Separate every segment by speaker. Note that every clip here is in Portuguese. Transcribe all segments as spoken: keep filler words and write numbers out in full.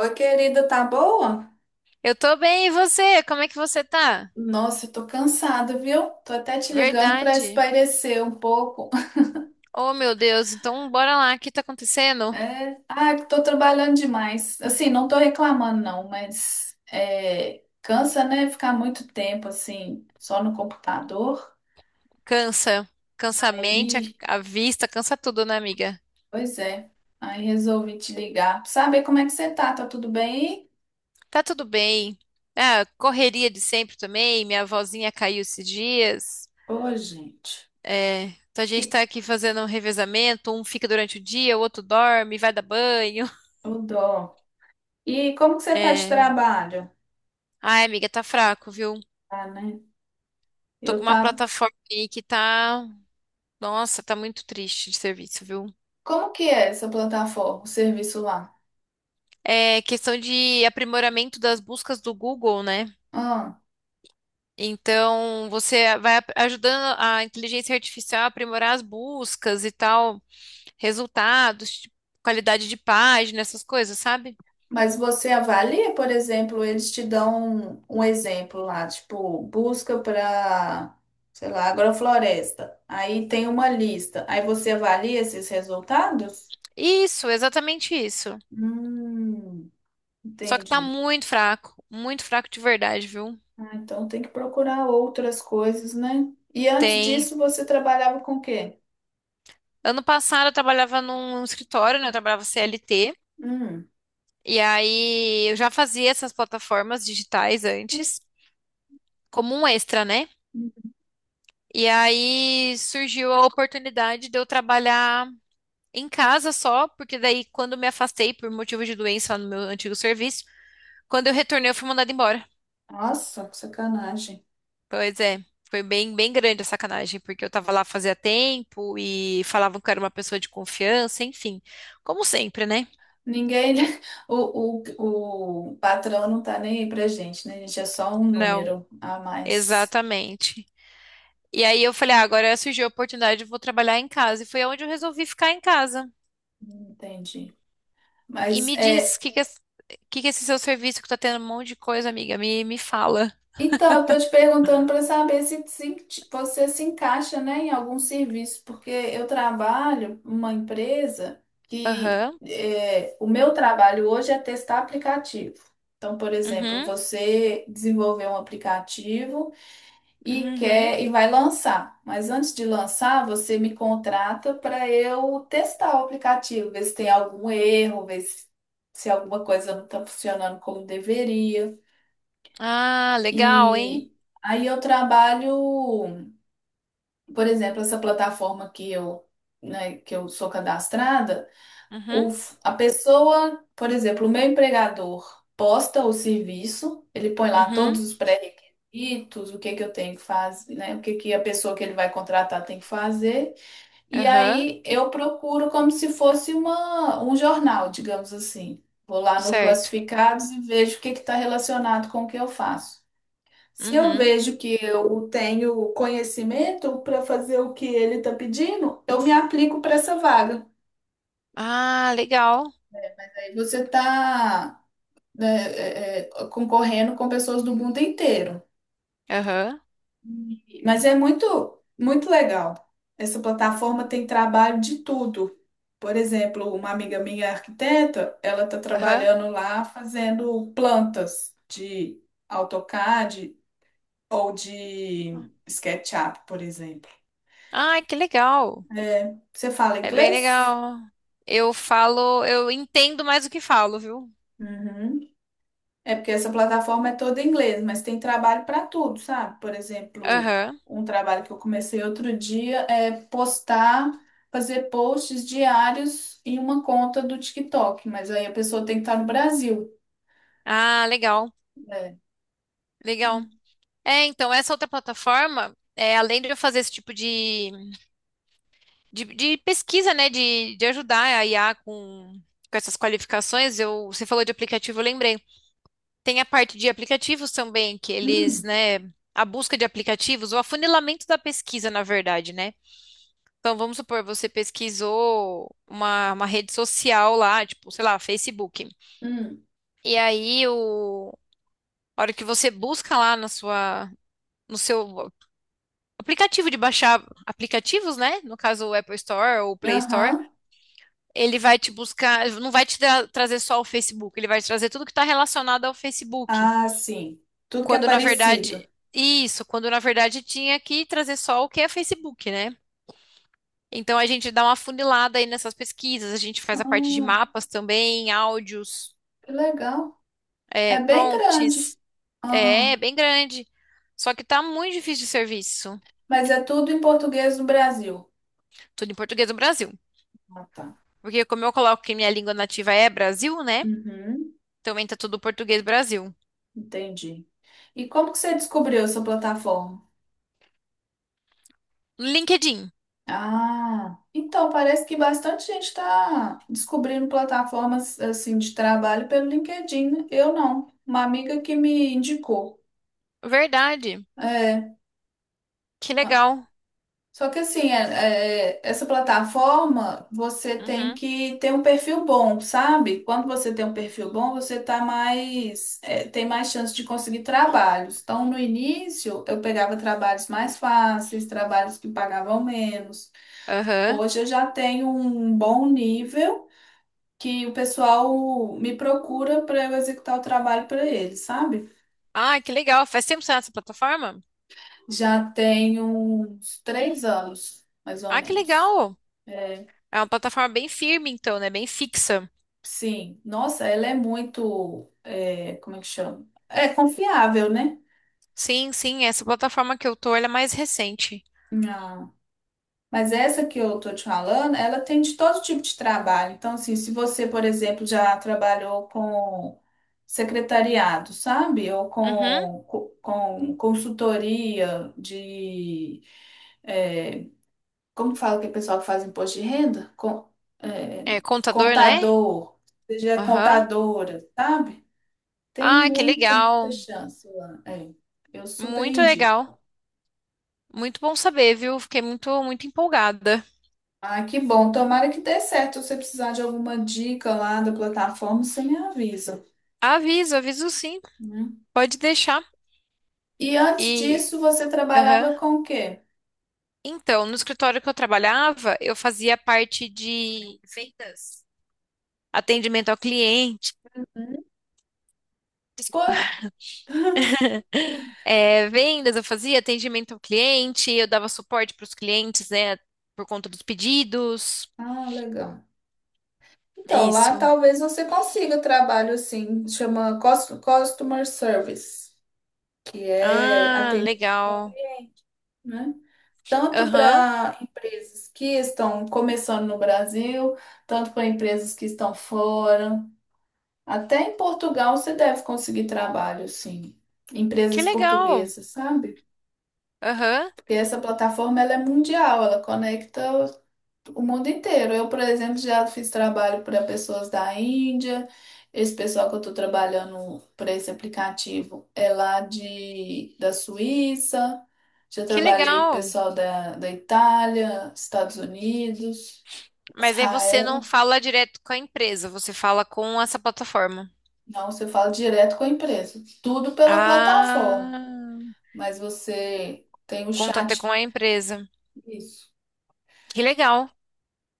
Speaker 1: Oi, querida, tá boa?
Speaker 2: Eu tô bem, e você? Como é que você tá?
Speaker 1: Nossa, eu tô cansada, viu? Tô até te ligando pra
Speaker 2: Verdade.
Speaker 1: espairecer um pouco.
Speaker 2: Oh, meu Deus, então bora lá, o que tá acontecendo?
Speaker 1: É, ah, tô trabalhando demais. Assim, não tô reclamando, não, mas é, cansa, né? Ficar muito tempo, assim, só no computador.
Speaker 2: Cansa. Cansa a mente, a,
Speaker 1: Aí,
Speaker 2: a vista, cansa tudo, né, amiga?
Speaker 1: pois é. Aí resolvi te ligar pra saber como é que você tá. Tá tudo bem
Speaker 2: Tá tudo bem. Ah, correria de sempre também, minha vozinha caiu esses dias.
Speaker 1: aí? Ô, gente.
Speaker 2: É, então a gente
Speaker 1: E,
Speaker 2: tá aqui fazendo um revezamento, um fica durante o dia, o outro dorme, vai dar banho.
Speaker 1: ô, dó. E como que você tá de
Speaker 2: É...
Speaker 1: trabalho?
Speaker 2: Ai, amiga, tá fraco, viu?
Speaker 1: Ah, né?
Speaker 2: Tô com
Speaker 1: Eu
Speaker 2: uma
Speaker 1: tava.
Speaker 2: plataforma aí que tá... Nossa, tá muito triste de serviço, viu?
Speaker 1: Como que é essa plataforma, o serviço lá?
Speaker 2: É questão de aprimoramento das buscas do Google, né?
Speaker 1: Ah,
Speaker 2: Então, você vai ap- ajudando a inteligência artificial a aprimorar as buscas e tal, resultados, tipo, qualidade de página, essas coisas, sabe?
Speaker 1: mas você avalia, por exemplo, eles te dão um, um exemplo lá, tipo, busca para, sei lá, agrofloresta. Aí tem uma lista. Aí você avalia esses resultados?
Speaker 2: Isso, exatamente isso.
Speaker 1: Hum,
Speaker 2: Só que tá
Speaker 1: entendi.
Speaker 2: muito fraco, muito fraco de verdade, viu?
Speaker 1: Ah, então tem que procurar outras coisas, né? E antes
Speaker 2: Tem.
Speaker 1: disso, você trabalhava com o quê?
Speaker 2: Ano passado eu trabalhava num escritório, né? Eu trabalhava C L T,
Speaker 1: Hum,
Speaker 2: e aí eu já fazia essas plataformas digitais antes, como um extra, né? E aí surgiu a oportunidade de eu trabalhar em casa só, porque daí quando me afastei por motivo de doença lá no meu antigo serviço, quando eu retornei eu fui mandada embora.
Speaker 1: nossa, que sacanagem.
Speaker 2: Pois é, foi bem, bem grande a sacanagem, porque eu tava lá fazia tempo e falavam que eu era uma pessoa de confiança, enfim, como sempre, né?
Speaker 1: Ninguém, o, o, o patrão não tá nem aí pra gente, né? A gente é só um
Speaker 2: Não,
Speaker 1: número a mais.
Speaker 2: exatamente. E aí eu falei, ah, agora surgiu a oportunidade, eu vou trabalhar em casa. E foi onde eu resolvi ficar em casa.
Speaker 1: Entendi.
Speaker 2: E
Speaker 1: Mas
Speaker 2: me diz,
Speaker 1: é,
Speaker 2: o que que, es- que que é esse seu serviço que tá tendo um monte de coisa, amiga, me, me fala.
Speaker 1: então eu tô te perguntando para saber se, se ti- você se encaixa, né, em algum serviço, porque eu trabalho numa empresa que
Speaker 2: Aham,
Speaker 1: é, o meu trabalho hoje é testar aplicativo. Então, por exemplo,
Speaker 2: uhum,
Speaker 1: você desenvolveu um aplicativo e
Speaker 2: uhum.
Speaker 1: quer e vai lançar. Mas antes de lançar, você me contrata para eu testar o aplicativo, ver se tem algum erro, ver se, se alguma coisa não está funcionando como deveria.
Speaker 2: Ah, legal, hein?
Speaker 1: E aí eu trabalho, por exemplo, essa plataforma que eu, né, que eu sou cadastrada. O,
Speaker 2: Uhum,
Speaker 1: f- a pessoa, por exemplo, o meu empregador posta o serviço, ele põe lá todos
Speaker 2: uhum,
Speaker 1: os pré-requisitos, o que que eu tenho que fazer, né? O que que a pessoa que ele vai contratar tem que fazer. E
Speaker 2: aham,
Speaker 1: aí eu procuro como se fosse uma, um jornal, digamos assim. Vou lá no
Speaker 2: certo.
Speaker 1: classificados e vejo o que que está relacionado com o que eu faço. Se eu
Speaker 2: Uhum.
Speaker 1: vejo que eu tenho conhecimento para fazer o que ele está pedindo, eu me aplico para essa vaga.
Speaker 2: Ah, legal.
Speaker 1: Aí você está, né, é, é, concorrendo com pessoas do mundo inteiro.
Speaker 2: Aham,
Speaker 1: E- Mas é muito, muito legal. Essa plataforma tem trabalho de tudo. Por exemplo, uma amiga minha arquiteta, ela está
Speaker 2: aham.
Speaker 1: trabalhando lá fazendo plantas de AutoCAD ou de SketchUp, por exemplo.
Speaker 2: Ai, que legal.
Speaker 1: É, você fala
Speaker 2: É bem
Speaker 1: inglês?
Speaker 2: legal. Eu falo, eu entendo mais do que falo, viu?
Speaker 1: Uhum. É porque essa plataforma é toda em inglês, mas tem trabalho para tudo, sabe? Por exemplo,
Speaker 2: Aham.
Speaker 1: um trabalho que eu comecei outro dia é postar, fazer posts diários em uma conta do TikTok, mas aí a pessoa tem que estar no Brasil.
Speaker 2: Ah, legal,
Speaker 1: É.
Speaker 2: legal.
Speaker 1: Ah,
Speaker 2: É, então, essa outra plataforma, é, além de eu fazer esse tipo de de, de pesquisa, né? De, de ajudar a I A com, com essas qualificações. Eu, você falou de aplicativo, eu lembrei. Tem a parte de aplicativos também, que eles,
Speaker 1: hum,
Speaker 2: né? A busca de aplicativos, o afunilamento da pesquisa, na verdade, né? Então, vamos supor, você pesquisou uma, uma rede social lá, tipo, sei lá, Facebook.
Speaker 1: hum,
Speaker 2: E aí, o, a hora que você busca lá na sua, no seu aplicativo de baixar aplicativos, né? No caso, o Apple Store ou o Play Store.
Speaker 1: aham.
Speaker 2: Ele vai te buscar, não vai te tra- trazer só o Facebook, ele vai te trazer tudo que está relacionado ao Facebook.
Speaker 1: Ah, sim. Tudo que é
Speaker 2: Quando na
Speaker 1: parecido.
Speaker 2: verdade, isso, quando na verdade tinha que trazer só o que é Facebook, né? Então a gente dá uma funilada aí nessas pesquisas, a gente faz a parte de
Speaker 1: Ah,
Speaker 2: mapas também, áudios,
Speaker 1: que legal.
Speaker 2: é,
Speaker 1: É bem
Speaker 2: prompts,
Speaker 1: grande.
Speaker 2: é, é
Speaker 1: Ah,
Speaker 2: bem grande. Só que tá muito difícil de serviço,
Speaker 1: mas é tudo em português do Brasil.
Speaker 2: tudo em português do Brasil.
Speaker 1: Ah, tá.
Speaker 2: Porque como eu coloco que minha língua nativa é Brasil, né?
Speaker 1: Uhum.
Speaker 2: Também tá tudo português Brasil.
Speaker 1: Entendi. E como que você descobriu essa plataforma?
Speaker 2: LinkedIn,
Speaker 1: Ah, então parece que bastante gente está descobrindo plataformas assim de trabalho pelo LinkedIn, né? Eu não. Uma amiga que me indicou.
Speaker 2: verdade,
Speaker 1: É.
Speaker 2: que legal.
Speaker 1: Só que assim, é- é- essa plataforma você tem
Speaker 2: Uhum.
Speaker 1: que ter um perfil bom, sabe? Quando você tem um perfil bom, você tá mais, é, tem mais chance de conseguir trabalhos. Então, no início, eu pegava trabalhos mais fáceis, trabalhos que pagavam menos.
Speaker 2: Aham.
Speaker 1: Hoje eu já tenho um bom nível que o pessoal me procura para eu executar o trabalho para eles, sabe?
Speaker 2: Ah, que legal. Faz tempo que você tá nessa plataforma?
Speaker 1: Já tenho uns três anos, mais ou
Speaker 2: Ah, que
Speaker 1: menos.
Speaker 2: legal. É uma plataforma bem firme, então, né? Bem fixa.
Speaker 1: Sim, nossa, ela é muito, é, como é que chama? É confiável, né?
Speaker 2: Sim, sim. Essa plataforma que eu tô, ela é mais recente.
Speaker 1: Ah, mas essa que eu tô te falando, ela tem de todo tipo de trabalho. Então, assim, se você, por exemplo, já trabalhou com secretariado, sabe? Ou
Speaker 2: Uhum.
Speaker 1: com, co- com consultoria de, é, como fala que o pessoal que faz imposto de renda? Com, é,
Speaker 2: É contador, né?
Speaker 1: contador, seja
Speaker 2: Aham.
Speaker 1: contadora, sabe? Tem
Speaker 2: Ah, que
Speaker 1: muita, muita
Speaker 2: legal.
Speaker 1: chance lá. É, eu super
Speaker 2: Muito legal.
Speaker 1: indico.
Speaker 2: Muito bom saber, viu? Fiquei muito, muito empolgada.
Speaker 1: Ah, que bom. Tomara que dê certo. Se você precisar de alguma dica lá da plataforma, você me avisa,
Speaker 2: Aviso, aviso sim.
Speaker 1: né?
Speaker 2: Pode deixar.
Speaker 1: E antes
Speaker 2: E.
Speaker 1: disso, você trabalhava
Speaker 2: Aham.
Speaker 1: com o quê?
Speaker 2: Então, no escritório que eu trabalhava, eu fazia parte de vendas, atendimento ao cliente.
Speaker 1: Hum? Pois.
Speaker 2: Desculpa. É, vendas, eu fazia atendimento ao cliente, eu dava suporte para os clientes, né, por conta dos pedidos.
Speaker 1: Ah, legal. Então, lá
Speaker 2: Isso.
Speaker 1: talvez você consiga trabalho assim, chama cus- Customer Service, que é
Speaker 2: Ah,
Speaker 1: atendimento ao
Speaker 2: legal.
Speaker 1: cliente, né? Tanto
Speaker 2: Aham.
Speaker 1: para empresas que estão começando no Brasil, tanto para empresas que estão fora. Até em Portugal você deve conseguir trabalho, sim.
Speaker 2: Que
Speaker 1: Empresas
Speaker 2: legal.
Speaker 1: portuguesas, sabe?
Speaker 2: Aham.
Speaker 1: Porque essa plataforma ela é mundial, ela conecta o mundo inteiro. Eu, por exemplo, já fiz trabalho para pessoas da Índia. Esse pessoal que eu estou trabalhando para esse aplicativo é lá de, da Suíça. Já
Speaker 2: Que
Speaker 1: trabalhei pro
Speaker 2: legal.
Speaker 1: pessoal da, da Itália, Estados Unidos,
Speaker 2: Mas aí você não
Speaker 1: Israel.
Speaker 2: fala direto com a empresa, você fala com essa plataforma.
Speaker 1: Não, você fala direto com a empresa. Tudo pela plataforma.
Speaker 2: Ah,
Speaker 1: Mas você tem o
Speaker 2: contato com
Speaker 1: chat.
Speaker 2: a empresa.
Speaker 1: Isso.
Speaker 2: Que legal.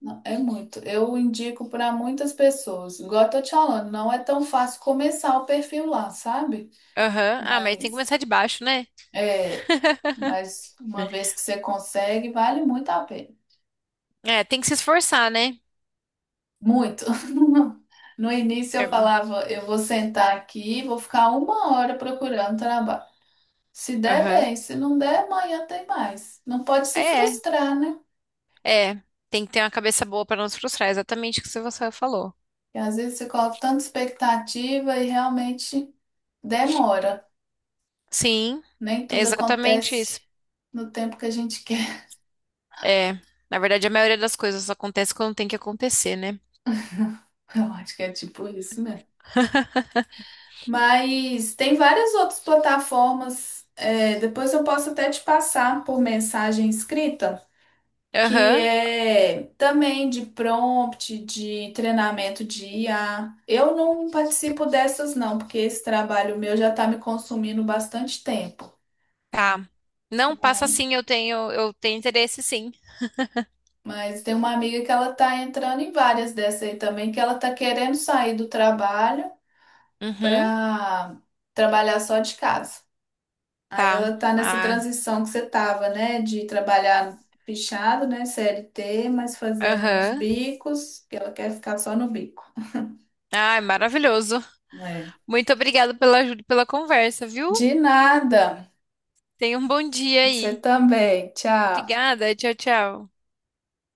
Speaker 1: Não, é muito. Eu indico para muitas pessoas. Igual eu tô te falando, não é tão fácil começar o perfil lá, sabe?
Speaker 2: Aham. Ah, mas tem que
Speaker 1: Mas
Speaker 2: começar de baixo, né?
Speaker 1: é, mas uma vez que você consegue, vale muito a pena.
Speaker 2: É, tem que se esforçar, né?
Speaker 1: Muito. No início
Speaker 2: É,
Speaker 1: eu falava, eu vou sentar aqui, vou ficar uma hora procurando trabalho. Se der
Speaker 2: aham.
Speaker 1: bem, se não der, amanhã tem mais. Não pode se
Speaker 2: É,
Speaker 1: frustrar, né?
Speaker 2: é, tem que ter uma cabeça boa para não se frustrar, exatamente o que você falou.
Speaker 1: Porque às vezes você coloca tanta expectativa e realmente demora.
Speaker 2: Sim,
Speaker 1: Nem
Speaker 2: é
Speaker 1: tudo
Speaker 2: exatamente
Speaker 1: acontece
Speaker 2: isso.
Speaker 1: no tempo que a gente quer.
Speaker 2: É, na verdade, a maioria das coisas acontece quando tem que acontecer, né?
Speaker 1: Eu acho que é tipo isso, né? Mas tem várias outras plataformas, é, depois eu posso até te passar por mensagem escrita, que
Speaker 2: Aham,
Speaker 1: é também de prompt, de treinamento de I A. Eu não participo dessas, não, porque esse trabalho meu já está me consumindo bastante tempo.
Speaker 2: tá. Não, passa
Speaker 1: Mas,
Speaker 2: sim, eu tenho, eu tenho interesse sim.
Speaker 1: mas tem uma amiga que ela está entrando em várias dessas aí também, que ela está querendo sair do trabalho
Speaker 2: Uhum,
Speaker 1: para trabalhar só de casa. Aí
Speaker 2: tá.
Speaker 1: ela tá nessa
Speaker 2: Ah,
Speaker 1: transição que você tava, né? De trabalhar fechado, né? C L T, mas fazendo uns
Speaker 2: aham.
Speaker 1: bicos, que ela quer ficar só no bico.
Speaker 2: Ah, é maravilhoso.
Speaker 1: É.
Speaker 2: Muito obrigada pela ajuda, e pela conversa, viu?
Speaker 1: De nada.
Speaker 2: Tenha um bom dia
Speaker 1: Você
Speaker 2: aí.
Speaker 1: também. Tchau.
Speaker 2: Obrigada, tchau, tchau.